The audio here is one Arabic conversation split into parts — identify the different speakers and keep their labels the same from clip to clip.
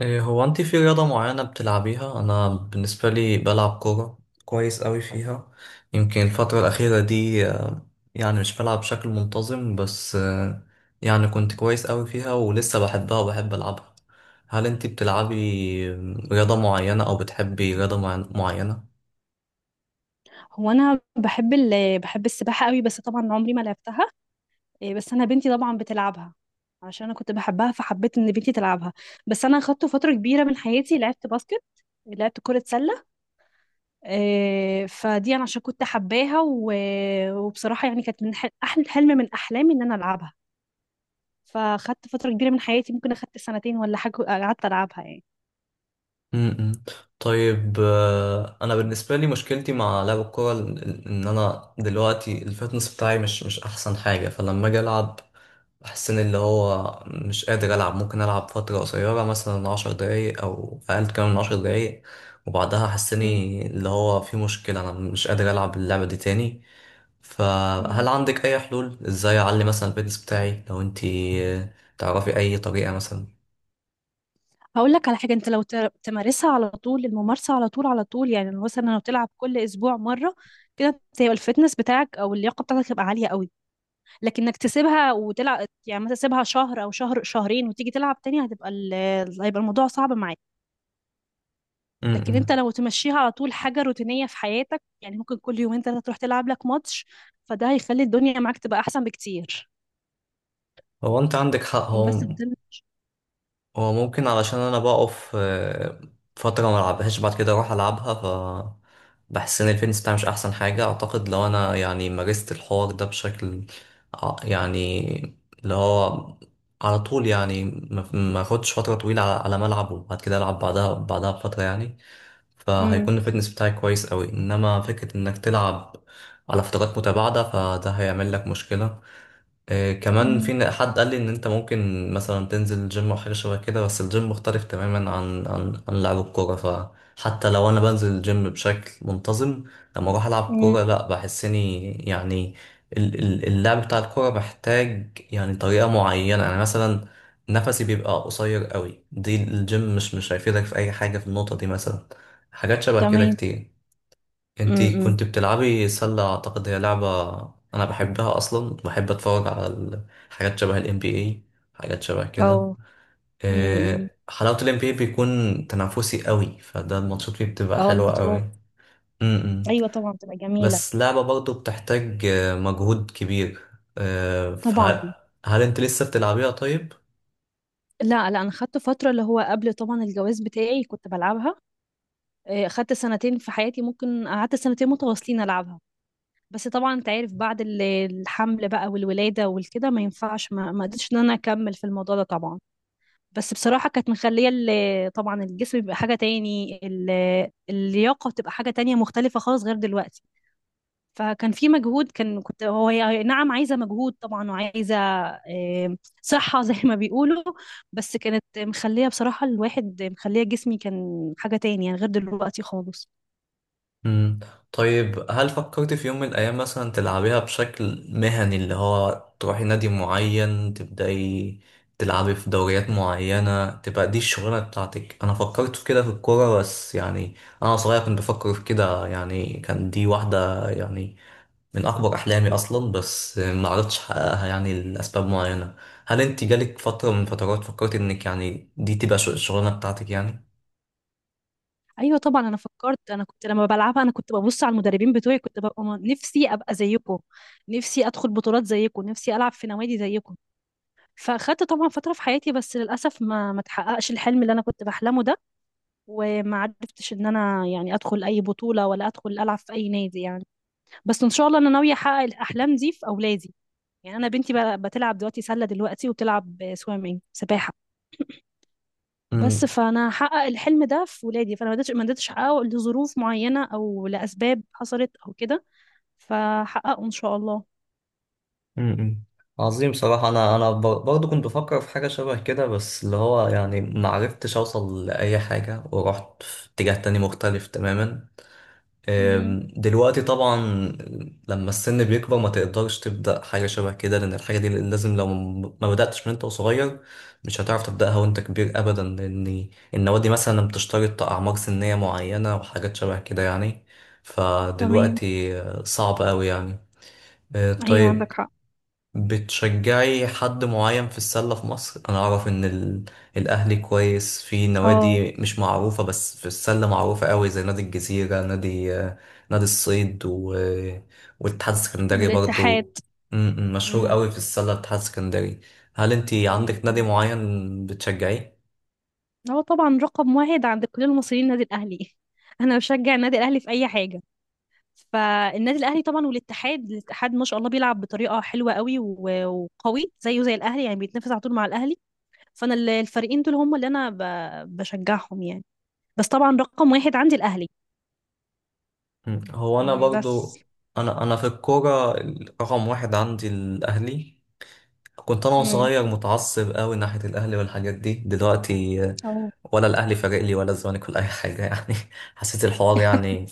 Speaker 1: إيه، هو انت في رياضة معينة بتلعبيها؟ انا بالنسبة لي بلعب كورة كويس قوي فيها. يمكن الفترة الأخيرة دي يعني مش بلعب بشكل منتظم، بس يعني كنت كويس قوي فيها ولسه بحبها وبحب ألعبها. هل انت بتلعبي رياضة معينة او بتحبي رياضة معينة؟
Speaker 2: هو انا بحب بحب السباحه قوي، بس طبعا عمري ما لعبتها. إيه، بس انا بنتي طبعا بتلعبها، عشان انا كنت بحبها فحبيت ان بنتي تلعبها. بس انا خدت فتره كبيره من حياتي لعبت باسكت، لعبت كرة سلة. إيه، فدي أنا عشان كنت حباها وبصراحة يعني كانت من أحلى حلم من أحلامي إن أنا ألعبها. فخدت فترة كبيرة من حياتي، ممكن أخدت سنتين ولا حاجة قعدت ألعبها يعني.
Speaker 1: م-م. طيب، انا بالنسبة لي مشكلتي مع لعب الكورة ان انا دلوقتي الفتنس بتاعي مش احسن حاجة، فلما اجي العب بحس ان اللي هو مش قادر العب، ممكن العب فتره قصيره، مثلا عشر دقايق او اقل كمان من عشر دقايق، وبعدها
Speaker 2: مم.
Speaker 1: حسني اللي هو في مشكله، انا مش قادر العب اللعبه دي تاني.
Speaker 2: مم.
Speaker 1: فهل عندك اي حلول ازاي اعلي مثلا الفيتنس بتاعي، لو انتي تعرفي اي طريقه مثلا؟
Speaker 2: هقول لك على حاجة، انت لو تمارسها على طول، الممارسة على طول على طول يعني، مثلا لو تلعب كل اسبوع مرة كده، انت هيبقى الفتنس بتاعك او اللياقة بتاعتك هتبقى عالية قوي. لكن انك تسيبها وتلعب، يعني مثلا تسيبها شهر او شهرين وتيجي تلعب تاني، هتبقى هيبقى الموضوع صعب معاك.
Speaker 1: م-
Speaker 2: لكن انت
Speaker 1: م.
Speaker 2: لو تمشيها على طول حاجة روتينية في حياتك، يعني ممكن كل يومين ثلاثة تروح تلعب لك ماتش، فده هيخلي الدنيا معاك تبقى احسن بكتير.
Speaker 1: هو انت عندك حق. هو
Speaker 2: بس الدنيا.
Speaker 1: هو ممكن، علشان انا بقف فترة ما العبهاش، بعد كده اروح العبها، ف بحس ان الفيتنس بتاعي مش احسن حاجة. اعتقد لو انا يعني مارست الحوار ده بشكل يعني اللي هو على طول يعني، ما اخدش فترة طويلة على على ما العب، وبعد كده العب بعدها بفترة يعني،
Speaker 2: امم.
Speaker 1: فهيكون الفيتنس بتاعي كويس قوي. انما فكرة انك تلعب على فترات متباعدة فده هيعمل لك مشكلة. كمان في حد قال لي ان انت ممكن مثلا تنزل جيم او حاجه شبه كده، بس الجيم مختلف تماما عن لعب الكوره. فحتى لو انا بنزل الجيم بشكل منتظم، لما اروح العب
Speaker 2: امم.
Speaker 1: كوره لا، بحس اني يعني اللعب بتاع الكوره محتاج يعني طريقه معينه. يعني مثلا نفسي بيبقى قصير قوي، دي الجيم مش هيفيدك في اي حاجه في النقطه دي مثلا. حاجات شبه كده
Speaker 2: تمام.
Speaker 1: كتير. انتي
Speaker 2: امم.
Speaker 1: كنت بتلعبي سلة، اعتقد هي لعبة انا بحبها اصلا، بحب اتفرج على حاجات شبه الام بي اي، حاجات شبه كده.
Speaker 2: اه. امم.
Speaker 1: حلاوة الام بي اي بيكون تنافسي قوي، فده الماتشات فيه بتبقى
Speaker 2: اه
Speaker 1: حلوة قوي.
Speaker 2: البطولات.
Speaker 1: م-م.
Speaker 2: ايوه طبعا بتبقى جميله.
Speaker 1: بس لعبة برضه بتحتاج مجهود كبير.
Speaker 2: طبعا.
Speaker 1: فهل هل انت لسه بتلعبيها طيب؟
Speaker 2: لا لا، انا خدت فتره اللي هو قبل طبعا الجواز بتاعي كنت بلعبها. آه، خدت سنتين في حياتي، ممكن قعدت سنتين متواصلين العبها. بس طبعا انت عارف بعد الحمل بقى والولاده والكده ما ينفعش، ما قدرتش ان انا اكمل في الموضوع ده طبعا. بس بصراحه كانت مخليه طبعا الجسم بيبقى حاجه تاني، اللياقه بتبقى حاجه تانية مختلفه خالص غير دلوقتي. فكان في مجهود، كان كنت هو هي نعم عايزة مجهود طبعا، وعايزة صحة زي ما بيقولوا. بس كانت مخلية بصراحة الواحد، مخلية جسمي كان حاجة تاني يعني غير دلوقتي خالص.
Speaker 1: مم. طيب، هل فكرت في يوم من الأيام مثلا تلعبيها بشكل مهني، اللي هو تروحي نادي معين، تبدأي تلعبي في دوريات معينة، تبقى دي الشغلانة بتاعتك؟ أنا فكرت في كده في الكورة، بس يعني أنا صغير كنت بفكر في كده يعني. كان دي واحدة يعني من أكبر أحلامي أصلا، بس ما عرفتش أحققها يعني لأسباب معينة. هل أنت جالك فترة من فترات فكرت إنك يعني دي تبقى الشغلانة بتاعتك يعني؟
Speaker 2: أيوة طبعا أنا فكرت. أنا كنت لما بلعبها أنا كنت ببص على المدربين بتوعي، كنت ببقى نفسي أبقى زيكم، نفسي أدخل بطولات زيكم، نفسي ألعب في نوادي زيكم. فأخدت طبعا فترة في حياتي، بس للأسف ما تحققش الحلم اللي أنا كنت بحلمه ده. وما عرفتش إن أنا يعني أدخل أي بطولة ولا أدخل ألعب في أي نادي يعني. بس ان شاء الله انا ناويه احقق الاحلام دي في اولادي. يعني انا بنتي بتلعب دلوقتي سله دلوقتي وبتلعب سويمنج، سباحه. بس فانا هحقق الحلم ده في ولادي، فانا ما قدرتش، ما قدرتش احققه لظروف معينه او لاسباب حصلت او كده، فحققه ان شاء الله.
Speaker 1: امم، عظيم بصراحة. أنا برضه كنت بفكر في حاجة شبه كده، بس اللي هو يعني معرفتش أوصل لأي حاجة، ورحت في اتجاه تاني مختلف تماما.
Speaker 2: امم.
Speaker 1: دلوقتي طبعا لما السن بيكبر ما تقدرش تبدأ حاجة شبه كده، لأن الحاجة دي لازم لو ما بدأتش من أنت وصغير مش هتعرف تبدأها وأنت كبير أبدا. لأن النوادي دي مثلا بتشترط أعمار سنية معينة وحاجات شبه كده يعني،
Speaker 2: تمام.
Speaker 1: فدلوقتي صعب أوي يعني.
Speaker 2: ايوه عندك
Speaker 1: طيب،
Speaker 2: حق.
Speaker 1: بتشجعي حد معين في السلة في مصر؟ أنا أعرف إن ال... الأهلي كويس في
Speaker 2: اه
Speaker 1: نوادي مش معروفة، بس في السلة معروفة قوي، زي نادي الجزيرة، نادي نادي الصيد، و... والاتحاد السكندري
Speaker 2: الاتحاد.
Speaker 1: برضو. م- م، مشهور
Speaker 2: امم.
Speaker 1: قوي في السلة الاتحاد السكندري. هل أنتي عندك نادي
Speaker 2: امم.
Speaker 1: معين بتشجعيه؟
Speaker 2: هو طبعا رقم واحد عند كل المصريين النادي الاهلي. انا بشجع النادي الاهلي في اي حاجه. فالنادي الاهلي طبعا، والاتحاد، الاتحاد ما شاء الله بيلعب بطريقه حلوه قوي وقوي زيه زي الاهلي، يعني بيتنافس على طول مع الاهلي. فانا الفريقين دول هم اللي انا بشجعهم يعني. بس طبعا رقم واحد عندي الاهلي.
Speaker 1: م، هو أنا
Speaker 2: مم، بس.
Speaker 1: برضو، أنا في الكورة رقم واحد عندي الأهلي. كنت انا
Speaker 2: امم.
Speaker 1: صغير متعصب قوي ناحيه الاهلي، والحاجات دي دلوقتي
Speaker 2: اه.
Speaker 1: ولا الاهلي فارق لي ولا الزمالك ولا اي حاجه يعني. حسيت الحوار يعني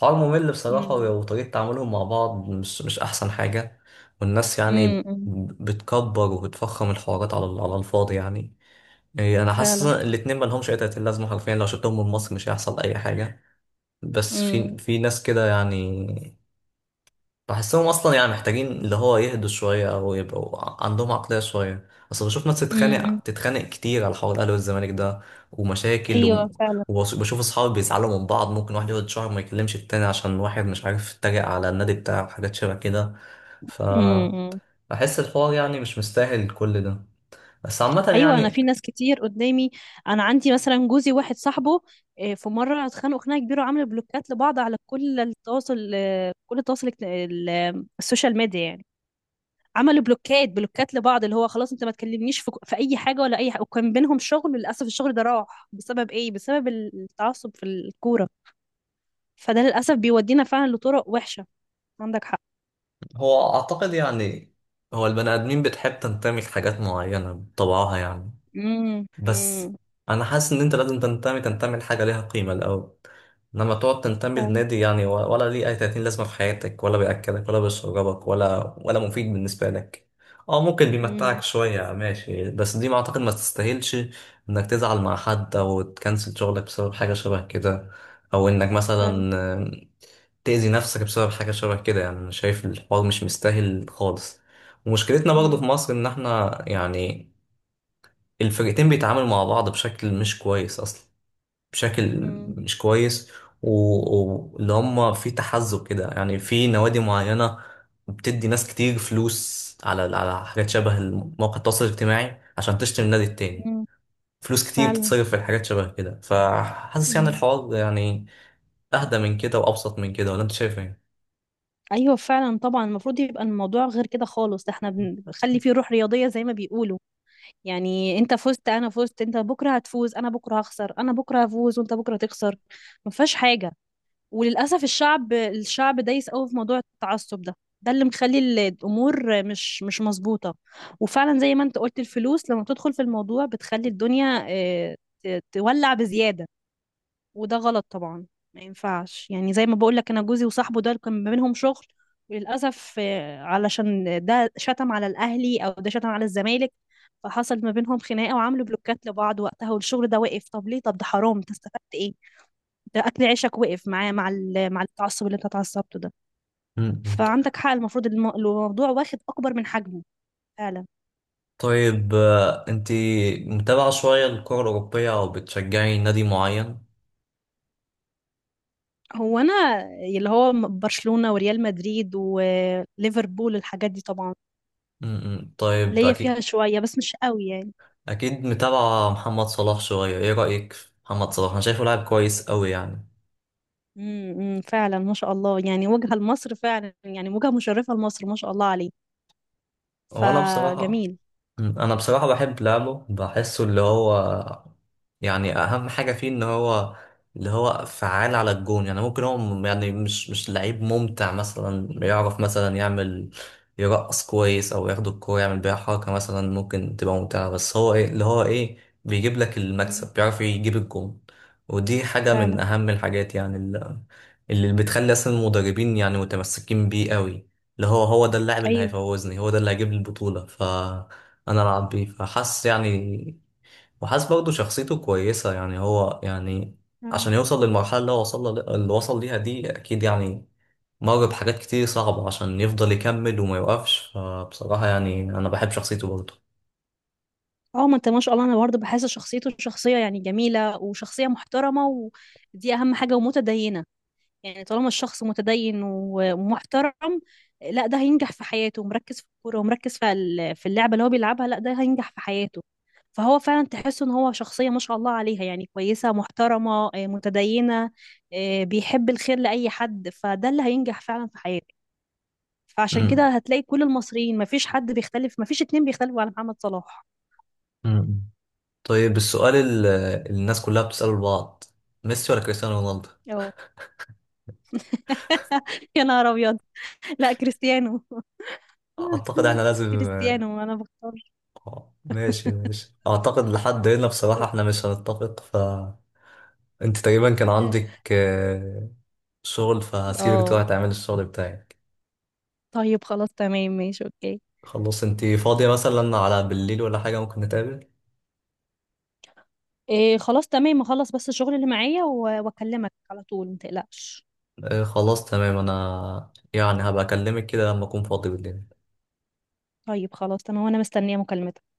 Speaker 1: حوار ممل بصراحه،
Speaker 2: امم.
Speaker 1: وطريقه تعاملهم مع بعض مش احسن حاجه. والناس يعني
Speaker 2: امم.
Speaker 1: بتكبر وبتفخم الحوارات على على الفاضي يعني. إيه، انا حاسس
Speaker 2: فعلا.
Speaker 1: إن الاتنين ما لهمش اي تأتي لازمه، حرفيا لو شلتهم من مصر مش هيحصل اي حاجه. بس
Speaker 2: امم.
Speaker 1: في ناس كده يعني، بحسهم اصلا يعني محتاجين اللي هو يهدوا شويه، او يبقوا عندهم عقليه شويه. اصل بشوف ناس
Speaker 2: امم.
Speaker 1: تتخانق كتير على حوار الاهلي والزمالك ده، ومشاكل و...
Speaker 2: ايوه فعلا.
Speaker 1: وبشوف اصحابي بيزعلوا من بعض، ممكن واحد يقعد شهر ما يكلمش التاني عشان واحد مش عارف يتريق على النادي بتاعه وحاجات شبه كده. ف
Speaker 2: امم.
Speaker 1: بحس الحوار يعني مش مستاهل كل ده. بس عامه
Speaker 2: ايوه انا
Speaker 1: يعني،
Speaker 2: في ناس كتير قدامي. انا عندي مثلا جوزي، واحد صاحبه، آه، في مره اتخانقوا خناقه كبيره وعملوا بلوكات لبعض على كل التواصل، آه، كل التواصل آه، السوشيال ميديا يعني. عملوا بلوكات، بلوكات لبعض، اللي هو خلاص انت ما تكلمنيش في اي حاجه ولا اي حاجه. وكان بينهم شغل للاسف، الشغل ده راح بسبب ايه؟ بسبب التعصب في الكوره. فده للاسف بيودينا فعلا لطرق وحشه. عندك حق.
Speaker 1: هو اعتقد يعني هو البني ادمين بتحب تنتمي لحاجات معينه بطبعها يعني.
Speaker 2: امم.
Speaker 1: بس
Speaker 2: امم.
Speaker 1: انا حاسس ان انت لازم تنتمي لحاجه ليها قيمه الاول، انما تقعد تنتمي
Speaker 2: فعلا.
Speaker 1: لنادي يعني ولا ليه اي 30 لازمه في حياتك، ولا بياكلك ولا بيشربك ولا مفيد بالنسبه لك. اه ممكن بيمتعك
Speaker 2: امم.
Speaker 1: شويه ماشي، بس دي ما اعتقد ما تستاهلش انك تزعل مع حد او تكنسل شغلك بسبب حاجه شبه كده، او انك مثلا
Speaker 2: فعلا.
Speaker 1: آم، تأذي نفسك بسبب حاجه شبه كده. يعني انا شايف الحوار مش مستاهل خالص. ومشكلتنا برضه
Speaker 2: امم.
Speaker 1: في مصر ان احنا يعني الفرقتين بيتعاملوا مع بعض بشكل مش كويس اصلا، بشكل
Speaker 2: امم.
Speaker 1: مش كويس. واللي هم في تحزب كده يعني، في نوادي معينة بتدي ناس كتير فلوس على على حاجات شبه مواقع التواصل الاجتماعي عشان تشتري النادي التاني. فلوس كتير
Speaker 2: فعلا.
Speaker 1: بتتصرف في حاجات شبه كده، فحاسس يعني الحوار يعني اهدى من كده وابسط من كده، ولا انت شايف ايه؟
Speaker 2: ايوه فعلا طبعا. المفروض يبقى الموضوع غير كده خالص، ده احنا بنخلي فيه روح رياضيه زي ما بيقولوا. يعني انت فزت انا فزت، انت بكره هتفوز انا بكره هخسر، انا بكره هفوز وانت بكره تخسر، ما فيهاش حاجه. وللاسف الشعب، الشعب دايس قوي في موضوع التعصب ده، ده اللي مخلي الامور مش مظبوطه. وفعلا زي ما انت قلت، الفلوس لما بتدخل في الموضوع بتخلي الدنيا اه، تولع بزياده، وده غلط طبعا. ما ينفعش، يعني زي ما بقول لك انا جوزي وصاحبه ده كان ما بينهم شغل، وللاسف آه، علشان ده شتم على الاهلي او ده شتم على الزمالك، فحصل ما بينهم خناقه وعملوا بلوكات لبعض وقتها، والشغل ده وقف. طب ليه؟ طب ده حرام، انت استفدت ايه؟ ده اكل عيشك وقف معاه، مع مع التعصب اللي انت اتعصبته ده.
Speaker 1: مم.
Speaker 2: فعندك حق، المفروض الموضوع واخد اكبر من حجمه. فعلا.
Speaker 1: طيب انت متابعة شوية الكرة الأوروبية أو بتشجعي نادي معين؟
Speaker 2: هو انا اللي هو برشلونه وريال مدريد وليفربول، الحاجات دي طبعا
Speaker 1: مم. طيب،
Speaker 2: ليا فيها
Speaker 1: أكيد
Speaker 2: شويه بس مش قوي يعني.
Speaker 1: اكيد متابعة محمد صلاح شوية. ايه رأيك في محمد صلاح؟ انا شايفه لاعب كويس قوي يعني.
Speaker 2: امم. إمم، فعلا ما شاء الله يعني، وجهة لمصر فعلا، يعني وجهة مشرفة لمصر، ما شاء الله عليه.
Speaker 1: وانا بصراحة
Speaker 2: فجميل.
Speaker 1: انا بصراحة بحب لعبه، بحسه اللي هو يعني اهم حاجه فيه ان هو اللي هو فعال على الجون. يعني ممكن هو يعني مش لعيب ممتع، مثلا بيعرف مثلا يعمل يرقص كويس او ياخد الكوره يعمل بيها حركه مثلا ممكن تبقى ممتعه، بس هو ايه، اللي هو ايه بيجيب لك
Speaker 2: امم.
Speaker 1: المكسب، بيعرف يجيب الجون. ودي حاجه
Speaker 2: فعلا.
Speaker 1: من اهم الحاجات يعني، اللي, اللي بتخلي اصلا المدربين يعني متمسكين بيه قوي. اللي هو هو ده اللاعب اللي
Speaker 2: ايوه
Speaker 1: هيفوزني، هو ده اللي هيجيب لي البطوله، فانا العب بيه فحس يعني. وحاسس برضه شخصيته كويسة يعني، هو يعني
Speaker 2: فعلا.
Speaker 1: عشان يوصل للمرحلة اللي هو وصل، اللي وصل ليها دي، أكيد يعني مر بحاجات كتير صعبة عشان يفضل يكمل وما يوقفش. فبصراحة يعني أنا بحب شخصيته برضه.
Speaker 2: اه ما انت ما شاء الله، انا برضه بحس شخصيته شخصية يعني جميلة وشخصية محترمة، ودي اهم حاجة، ومتدينة. يعني طالما الشخص متدين ومحترم، لا ده هينجح في حياته، ومركز في الكورة ومركز في في اللعبة اللي هو بيلعبها، لا ده هينجح في حياته. فهو فعلا تحس ان هو شخصية ما شاء الله عليها، يعني كويسة محترمة، آه، متدينة، آه، بيحب الخير لأي حد، فده اللي هينجح فعلا في حياته. فعشان كده
Speaker 1: أمم.
Speaker 2: هتلاقي كل المصريين ما فيش حد بيختلف، ما فيش اتنين بيختلفوا على محمد صلاح.
Speaker 1: امم، طيب السؤال اللي الناس كلها بتسأله لبعض، ميسي ولا كريستيانو رونالدو؟
Speaker 2: اه. يا نهار ابيض. لا كريستيانو.
Speaker 1: أعتقد إحنا لازم
Speaker 2: كريستيانو انا بختار.
Speaker 1: ماشي ماشي، أعتقد لحد هنا بصراحة إحنا مش هنتفق. فأنت تقريبا كان عندك شغل، فهسيبك
Speaker 2: اه.
Speaker 1: تروح تعمل الشغل بتاعي.
Speaker 2: طيب خلاص تمام ماشي اوكي.
Speaker 1: خلاص، انتي فاضية مثلا على بالليل ولا حاجة ممكن نتقابل؟
Speaker 2: إيه خلاص تمام، اخلص بس الشغل اللي معايا واكلمك على طول متقلقش.
Speaker 1: آه خلاص تمام، انا يعني هبقى اكلمك كده لما اكون فاضي بالليل.
Speaker 2: طيب خلاص تمام، وانا مستنية مكالمتك.